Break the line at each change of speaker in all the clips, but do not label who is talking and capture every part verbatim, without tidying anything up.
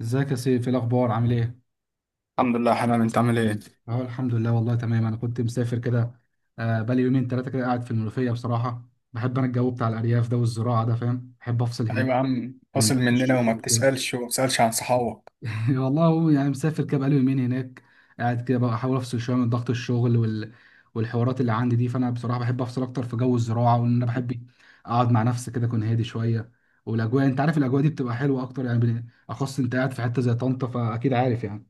ازيك يا سيف؟ ايه الاخبار؟ عامل ايه؟
الحمد لله يا حنان، انت عامل ايه؟
اه الحمد لله والله تمام. انا كنت مسافر كده. آه، بقالي يومين ثلاثه كده قاعد في المنوفيه بصراحه. بحب انا الجو بتاع الارياف ده والزراعه ده، فاهم؟ بحب افصل
ايوه
هناك
يا عم،
من
فاصل
ضغط
مننا وما
الشغل وكده.
بتسألش وما بتسألش عن صحابك.
والله هو يعني مسافر كده بقالي يومين هناك، قاعد كده بقى احاول افصل شويه من ضغط الشغل وال... والحوارات اللي عندي دي. فانا بصراحه بحب افصل اكتر في جو الزراعه، وان انا بحب اقعد مع نفسي كده، اكون هادي شويه. والاجواء، انت عارف الاجواء دي بتبقى حلوه اكتر. يعني بن- اخص انت قاعد في حته زي طنطا، فاكيد عارف يعني.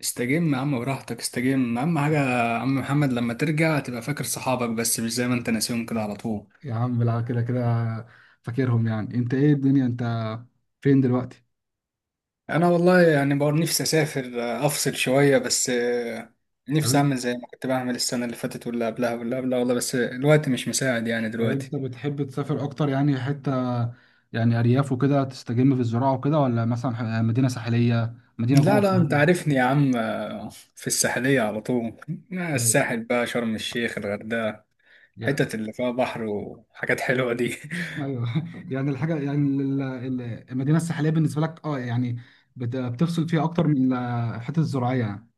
استجم يا عم براحتك، استجم. اهم حاجة يا عم محمد، لما ترجع تبقى فاكر صحابك، بس مش زي ما انت ناسيهم كده على طول.
يا عم بالعافية كده كده فاكرهم يعني. انت ايه الدنيا؟ انت فين دلوقتي؟
انا والله يعني بقى نفسي اسافر، آه، افصل شوية بس. آه، نفسي
تمام.
اعمل زي ما كنت بعمل السنة اللي فاتت واللي قبلها واللي قبلها، والله بس الوقت مش مساعد يعني
طب
دلوقتي.
انت بتحب تسافر اكتر يعني حتة يعني ارياف وكده تستجم في الزراعة وكده، ولا مثلا ح- مدينة ساحلية، مدينة
لا
جوه
لا، انت
القاهرة؟
عارفني يا عم. آه، في الساحلية على طول. آه،
طيب،
الساحل بقى، شرم الشيخ، الغردقة،
يا-
الحتت اللي فيها بحر وحاجات حلوة دي.
ايوه. يعني الحاجة يعني ال- ال- المدينة الساحلية بالنسبة لك، اه يعني بت- بتفصل فيها اكتر من الحتة الزراعية يعني؟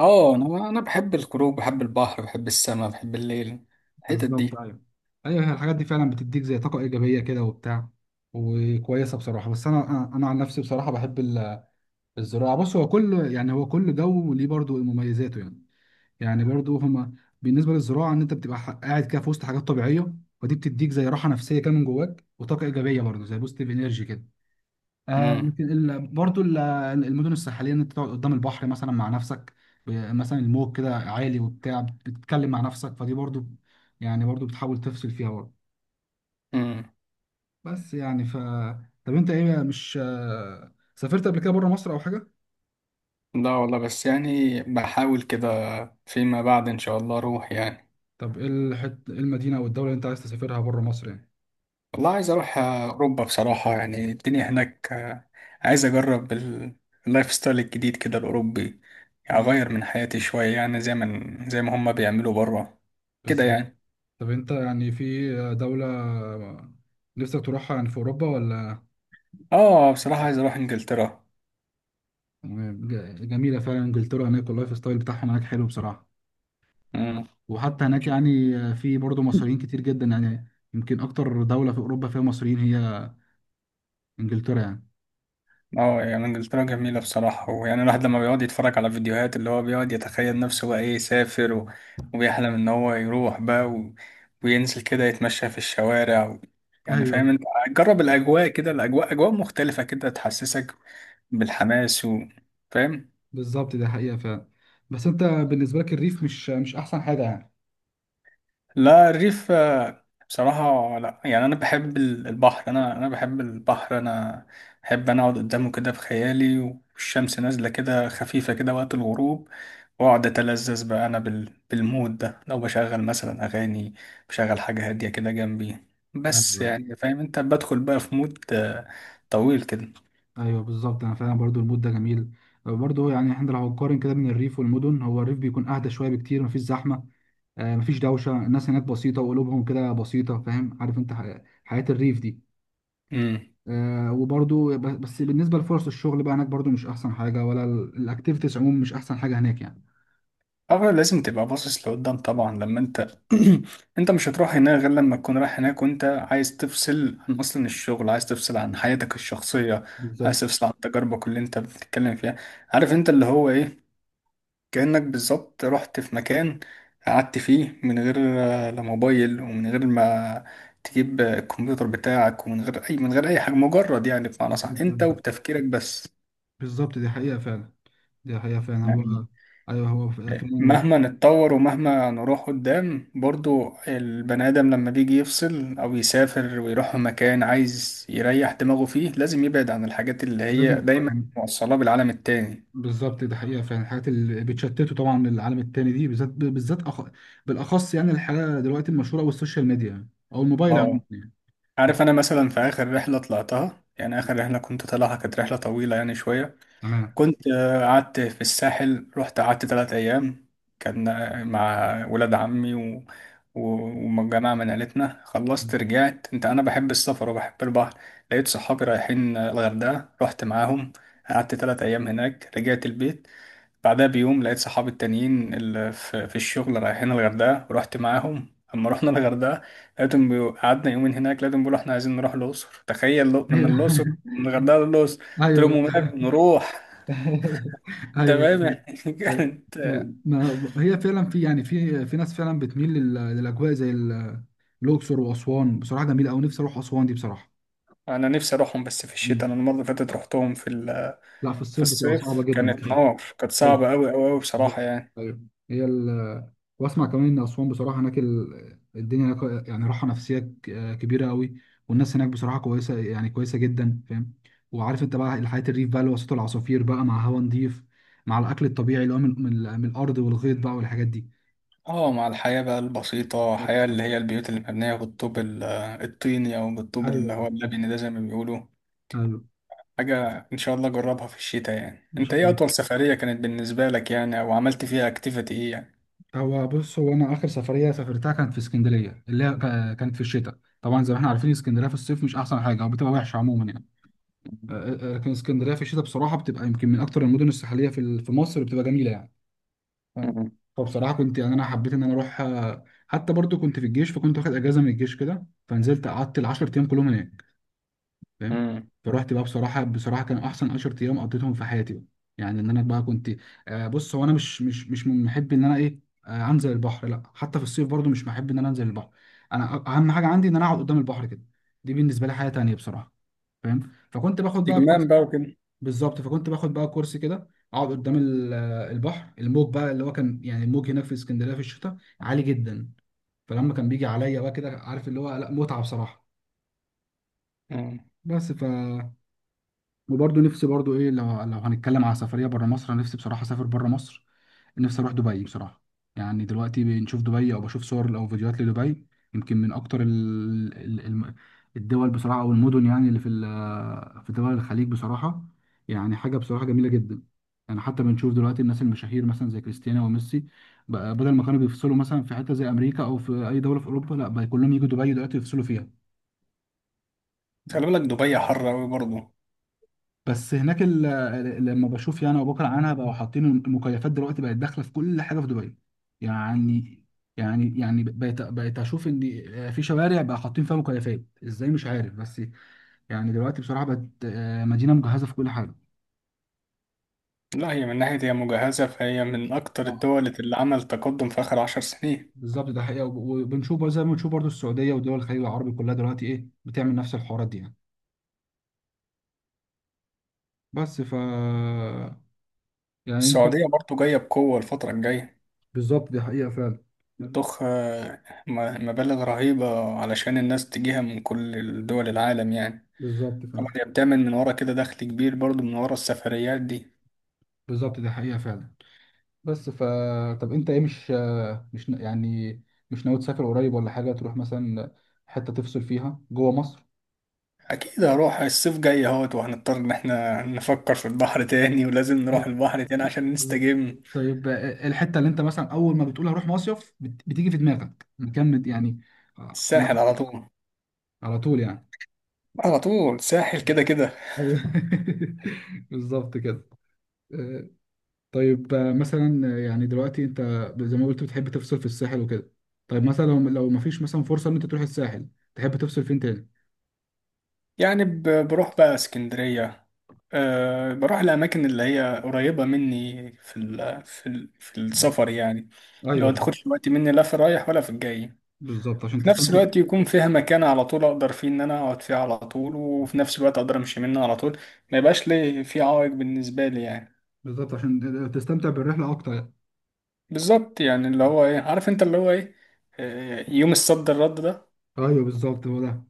اه، انا انا بحب الخروج، بحب البحر، بحب السماء، بحب الليل، الحتت
بالظبط،
دي.
ايوه. ايوه هي الحاجات دي فعلا بتديك زي طاقة ايجابية كده وبتاع، وكويسة بصراحة. بس انا انا أنا عن نفسي بصراحة بحب الزراعة. بص، هو كل يعني هو كل جو ليه برضو مميزاته يعني. يعني برضو هما بالنسبة للزراعة، إن أنت بتبقى ح- قاعد كده في وسط حاجات طبيعية، ودي بتديك زي راحة نفسية كده من جواك، وطاقة إيجابية برضو، زي بوستيف إنرجي كده. آه،
امم.
لكن ال... برضو ال... المدن الساحلية، إن أنت تقعد قدام البحر مثلا مع نفسك، ب- مثلا الموج كده عالي وبتاع، بتتكلم مع نفسك، فدي برضو يعني برضو بتحاول تفصل فيها برضو.
امم.
بس يعني ف طب أنت إيه، مش آه، سافرت قبل كده بره مصر أو حاجة؟
لا والله، بس يعني بحاول كده فيما بعد ان شاء الله اروح يعني.
طب ايه الحت... إيه المدينة او الدولة اللي انت عايز تسافرها بره مصر يعني؟
والله عايز اروح اوروبا بصراحة، يعني الدنيا هناك. آه، عايز اجرب ال- اللايف ستايل الجديد كده، الاوروبي.
مم.
اغير من حياتي شوية، يعني زي ما زي ما هما بيعملوا بره كده
بالظبط.
يعني.
طب انت يعني في دولة نفسك تروحها يعني في اوروبا ولا؟
اه بصراحة، عايز اروح انجلترا.
تمام. ج- جميلة فعلا انجلترا، هناك اللايف ستايل بتاعهم هناك حلو بصراحة.
امم.
وحتى هناك يعني في برضه مصريين كتير جدا، يعني يمكن اكتر دولة في اوروبا فيها مصريين هي انجلترا يعني.
اه يعني انجلترا جميلة بصراحة، ويعني الواحد لما بيقعد يتفرج على فيديوهات، اللي هو بيقعد يتخيل نفسه بقى ايه، يسافر، و... وبيحلم ان هو يروح بقى، و... وينزل كده يتمشى في الشوارع، و... يعني فاهم
ايوه.
انت. جرب الاجواء كده، الاجواء اجواء مختلفة كده تحسسك بالحماس، و... فاهم.
بالظبط، ده حقيقة فعلا. بس انت بالنسبة لك الريف مش مش احسن حاجة يعني؟
لا، الريف آه، بصراحة لا يعني، انا بحب ال- البحر، انا انا بحب البحر، انا بحب انا اقعد قدامه كده في خيالي، والشمس نازلة كده خفيفة كده وقت الغروب، واقعد اتلذذ بقى انا بال... بالمود ده، لو بشغل مثلا اغاني، بشغل حاجه هاديه كده جنبي، بس
ايوه.
يعني فاهم انت، بدخل بقى في مود آه، طويل كده.
ايوه بالظبط، انا فعلا برضو المود ده جميل. برضو يعني احنا لو هنقارن كده بين الريف والمدن، هو الريف بيكون اهدى شويه بكتير، مفيش زحمه، آه، مفيش دوشه، الناس هناك بسيطه وقلوبهم كده بسيطه، فاهم؟ عارف انت ح- حياه الريف دي.
امم.
آه، وبرضو ب- بس بالنسبه لفرص الشغل بقى هناك، برضو مش احسن حاجه، ولا ال- الاكتيفيتيز عموما مش احسن حاجه هناك يعني.
اول لازم تبقى باصص لقدام طبعا، لما انت انت مش هتروح هناك غير لما تكون رايح هناك وانت عايز تفصل عن اصلا الشغل، عايز تفصل عن حياتك الشخصيه، عايز
بالظبط.
تفصل عن تجاربك اللي انت بتتكلم فيها، عارف انت اللي هو ايه، كأنك بالظبط رحت في مكان، قعدت فيه من غير آه، لا موبايل، ومن غير ما تجيب آه، الكمبيوتر بتاعك، ومن غير أي من غير أي حاجة، مجرد يعني بمعنى صح، أنت
بالظبط.
وبتفكيرك بس،
بالظبط دي حقيقه فعلا، دي حقيقه فعلا.
يعني.
هو ايوه هو ف-
آه،
فعلا
مهما نتطور ومهما نروح قدام، برضو البني آدم لما بيجي يفصل أو يسافر ويروح مكان عايز يريح دماغه فيه، لازم يبعد عن الحاجات اللي
لازم.
هي دايما موصلاه بالعالم التاني.
بالظبط، ده حقيقة فعلا، الحاجات اللي بتشتته طبعا، العالم التاني دي بالذات بالذات، أخ... بالأخص، يعني الحاجة دلوقتي المشهورة أوي السوشيال ميديا، أو الموبايل عموما
اه،
يعني. دي-
عارف، انا مثلا في اخر رحله طلعتها، يعني اخر رحله كنت طالعها كانت رحله طويله يعني شويه.
تمام.
كنت آه، قعدت في الساحل، رحت قعدت ثلاث ايام، كان آه، مع ولاد عمي و... و- وجماعه من عيلتنا. خلصت رجعت، انت انا بحب السفر وبحب البحر. لقيت صحابي رايحين آه، الغردقه، رحت معاهم، قعدت ثلاث ايام هناك، رجعت البيت. بعدها بيوم لقيت صحابي التانيين اللي في, في الشغل رايحين الغردقة، ورحت معاهم. اما رحنا الغردقة لقيتهم بيقو- قعدنا يومين هناك، لقيتهم بيقولوا احنا عايزين نروح الأقصر. تخيل لو- من الأقصر، من الغردقة للأقصر، قلت لهم
أيوه.
وماله نروح. انت
أيوه
فاهم
بالظبط.
يعني
أيوه.
كانت.
ما هي فعلا في يعني في في ناس فعلا بتميل لل- للأجواء زي ال- الأقصر وأسوان. بصراحة جميلة أوي، نفسي أروح أسوان دي بصراحة.
انا نفسي اروحهم بس في الشتاء،
مم.
انا المرة اللي فاتت رحتهم في ال...
لا في
في
الصيف بتبقى صعبة
الصيف،
جدا
كانت
بصراحة.
نار، كانت صعبة أوي أوي أوي بصراحة
بالظبط.
يعني.
ايوه. هي ال، واسمع كمان ان اسوان بصراحه هناك، ال- الدنيا هناك يعني راحه نفسيه ك- كبيره قوي، والناس هناك بصراحه كويسه، يعني كويسه جدا، فاهم؟ وعارف انت بقى الحياه، الريف بقى اللي وسط العصافير بقى، مع هوا نضيف، مع الاكل الطبيعي اللي هو من, من, من الارض والغيط بقى والحاجات دي.
اه، مع الحياة بقى البسيطة، حياة اللي هي البيوت اللي مبنية بالطوب ال- الطيني، أو بالطوب
ايوه
اللي هو
بالظبط.
اللبني ده زي ما بيقولوا.
ايوه.
حاجة إن شاء الله أجربها في الشتاء يعني.
ان
أنت
شاء
إيه
الله.
أطول سفرية كانت بالنسبة لك يعني، أو عملت فيها أكتيفيتي إيه يعني؟
هو بص، هو انا اخر سفريه سافرتها كانت في اسكندريه، اللي هي ك- كانت في الشتاء، طبعا زي ما احنا عارفين اسكندريه في الصيف مش احسن حاجه او بتبقى وحشه عموما يعني. آه، آه، لكن اسكندريه في الشتاء بصراحه بتبقى يمكن من اكتر المدن الساحليه في ال- في مصر، بتبقى جميله يعني، فاهم؟
مم.
فبصراحه كنت يعني انا حبيت ان انا اروح، آه، حتى برضو كنت في الجيش، فكنت واخد اجازه من الجيش كده، فنزلت قعدت ال 10 ايام كلهم هناك، فاهم؟
مم.
فروحت بقى بصراحه، بصراحه كان احسن 10 ايام قضيتهم في حياتي بقى. يعني ان انا بقى كنت آه، بص، هو انا مش مش مش من محب ان انا ايه، آه، انزل البحر، لا حتى في الصيف برضو مش محب ان انا انزل البحر. انا أ- اهم حاجه عندي ان انا اقعد قدام البحر كده، دي بالنسبه لي حاجه تانيه بصراحه، فاهم؟ فكنت باخد بقى،
استجمام بقى وكده.
بالظبط. فكنت باخد بقى كورس كده، اقعد قدام ال- آه، البحر، الموج بقى اللي هو كان، يعني الموج هناك في اسكندريه في الشتاء عالي جدا، فلما كان بيجي عليا بقى كده، عارف اللي هو؟ لا متعه بصراحه.
مم.
بس ف، وبرضه نفسي برضه ايه، لو لو هنتكلم على سفريه بره مصر، أنا نفسي بصراحه اسافر بره مصر، نفسي اروح دبي بصراحه. يعني دلوقتي بنشوف دبي او بشوف صور او فيديوهات لدبي، يمكن من اكتر ال... ال... الم- الدول بصراحه او المدن يعني اللي في ال... في دول الخليج بصراحه، يعني حاجه بصراحه جميله جدا. يعني حتى بنشوف دلوقتي الناس المشاهير مثلا زي كريستيانو وميسي، بقى بدل ما كانوا بيفصلوا مثلا في حته زي امريكا او في اي دوله في اوروبا، لا بقى كلهم يجوا دبي دلوقتي يفصلوا فيها.
خلي بالك، دبي حر أوي برضه.
بس هناك ال- ال- لما بشوف يعني ابو بكر عنها، بقوا حاطين المكيفات دلوقتي، بقت داخله في كل حاجه في دبي، يعني، يعني يعني بقيت بقيت اشوف ان في شوارع بقى حاطين فيها مكيفات ازاي مش عارف، بس يعني دلوقتي بصراحه بقت آه، مدينه مجهزه في كل حاجه.
لا هي من ناحية هي مجهزة، فهي من أكتر
اه.
الدول اللي عمل تقدم في آخر عشر سنين.
بالظبط، ده حقيقه. وب- وبنشوف بقى زي ما بنشوف برضو السعوديه ودول الخليج العربي كلها دلوقتي ايه بتعمل نفس الحوارات دي يعني. بس ف، يعني انت.
السعودية برضه جاية بقوة الفترة الجاية،
بالظبط دي حقيقه فعلا.
بتضخ آه، م- مبالغ رهيبة علشان الناس تجيها من كل دول العالم يعني.
بالظبط فعلا.
طبعا هي بتعمل من ورا كده دخل كبير برضه من ورا السفريات دي.
بالظبط دي حقيقه فعلا. بس ف، طب انت ايه، مش مش ن- يعني مش ناوي تسافر قريب ولا حاجه، تروح مثلا حته تفصل فيها جوه مصر؟
اكيد هروح الصيف جاي اهوت، وهنضطر ان احنا نفكر في البحر تاني، ولازم نروح
مم.
البحر تاني عشان
بالظبط.
نستجم.
طيب، آه، آه، الحته اللي انت مثلا اول ما بتقول هروح مصيف، بت- بتيجي في دماغك مكان مت- يعني، آه،
الساحل
أنا-
على طول.
على طول يعني.
على طول ساحل كده كده.
أيوه. بالظبط كده. آه، طيب، آه، مثلا آه، يعني دلوقتي انت زي ما قلت بتحب تفصل في الساحل وكده، طيب مثلا لو لو ما فيش مثلا فرصه ان انت تروح الساحل، تحب تفصل فين تاني؟
يعني ب- بروح بقى اسكندرية. أه، بروح الأماكن اللي هي قريبة مني في ال في ال في السفر يعني، لو
ايوه
تاخدش وقت مني لا في رايح ولا في الجاي.
بالظبط عشان
في نفس
تستمتع.
الوقت يكون فيها مكان على طول أقدر فيه إن أنا أقعد فيه على طول، وفي نفس الوقت أقدر أمشي منه على طول، ما يبقاش لي في عوائق بالنسبة لي يعني.
بالظبط عشان تستمتع بالرحله اكتر يعني.
بالظبط يعني اللي هو ايه، عارف انت اللي هو ايه، آه، يوم الصد الرد ده.
ايوه بالظبط هو ده،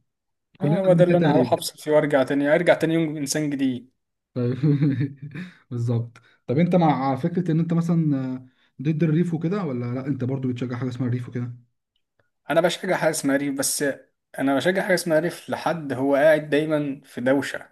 كلنا
اه هو ده اللي
عملنا
انا هروح
تقريبا.
افصل فيه وارجع تاني، ارجع تاني يوم انسان جديد.
طيب. بالظبط. طب انت مع فكره ان انت مثلا ضد الريف وكده، ولا لا انت برضو بتشجع حاجه اسمها الريف وكده؟
انا بشجع حاجه اسمها ريف بس. انا بشجع حاجه اسمها ريف، لحد هو قاعد دايما في دوشه،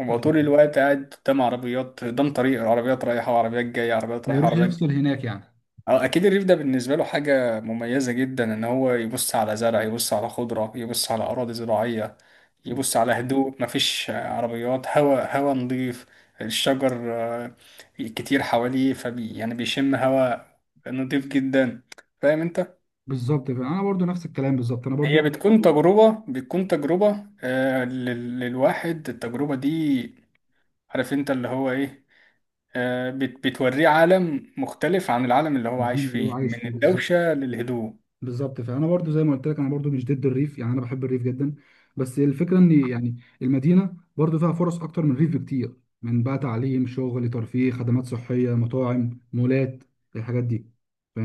هو طول
ايوه.
الوقت قاعد قدام عربيات، قدام طريق العربيات رايحه وعربيات جايه، عربيات
ما
رايحه
يروح
وعربيات.
يفصل هناك يعني.
اه اكيد الريف ده بالنسبه له حاجه مميزه جدا، ان هو يبص على زرع، يبص على خضره، يبص على اراضي زراعيه، يبص على هدوء، مفيش عربيات، هواء، هواء نظيف، الشجر آه، كتير حواليه، فبي يعني بيشم هواء نظيف جدا، فاهم انت.
بالظبط، انا برضو نفس الكلام بالظبط، انا برضو
هي بتكون تجربه بتكون تجربه آه، لل- للواحد، التجربه دي، عارف انت اللي هو ايه، آه، بت- بتوريه عالم مختلف عن العالم اللي هو عايش
انا
فيه،
عايش
من
فيه بالظبط.
الدوشه للهدوء.
بالظبط، فانا برضو زي ما قلت لك انا برضو مش ضد الريف يعني، انا بحب الريف جدا، بس الفكره ان يعني المدينه برضو فيها فرص اكتر من الريف بكتير، من بقى تعليم، شغل، ترفيه، خدمات صحيه، مطاعم، مولات، الحاجات دي،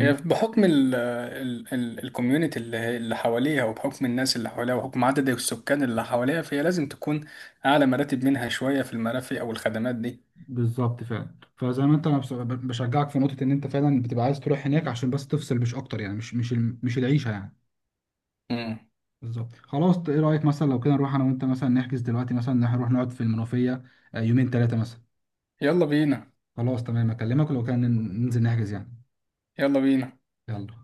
هي بحكم ال ال ال الكوميونتي اللي هي- اللي حواليها، وبحكم الناس اللي حواليها، وبحكم عدد السكان اللي حواليها، فهي لازم تكون أعلى مراتب منها شوية في المرافق أو الخدمات دي.
بالظبط فعلا. فزي ما انت، انا بص- ب- بشجعك في نقطه ان انت فعلا بتبقى عايز تروح هناك عشان بس تفصل مش اكتر يعني، مش مش ال- مش العيشه يعني.
مم.
بالظبط. خلاص ايه رايك مثلا لو كده نروح انا وانت مثلا نحجز دلوقتي، مثلا إن إحنا نروح نقعد في المنوفيه آه، يومين ثلاثه مثلا؟
يلا بينا.
خلاص تمام، اكلمك لو كان ننزل نحجز يعني.
يلا بينا.
يلا.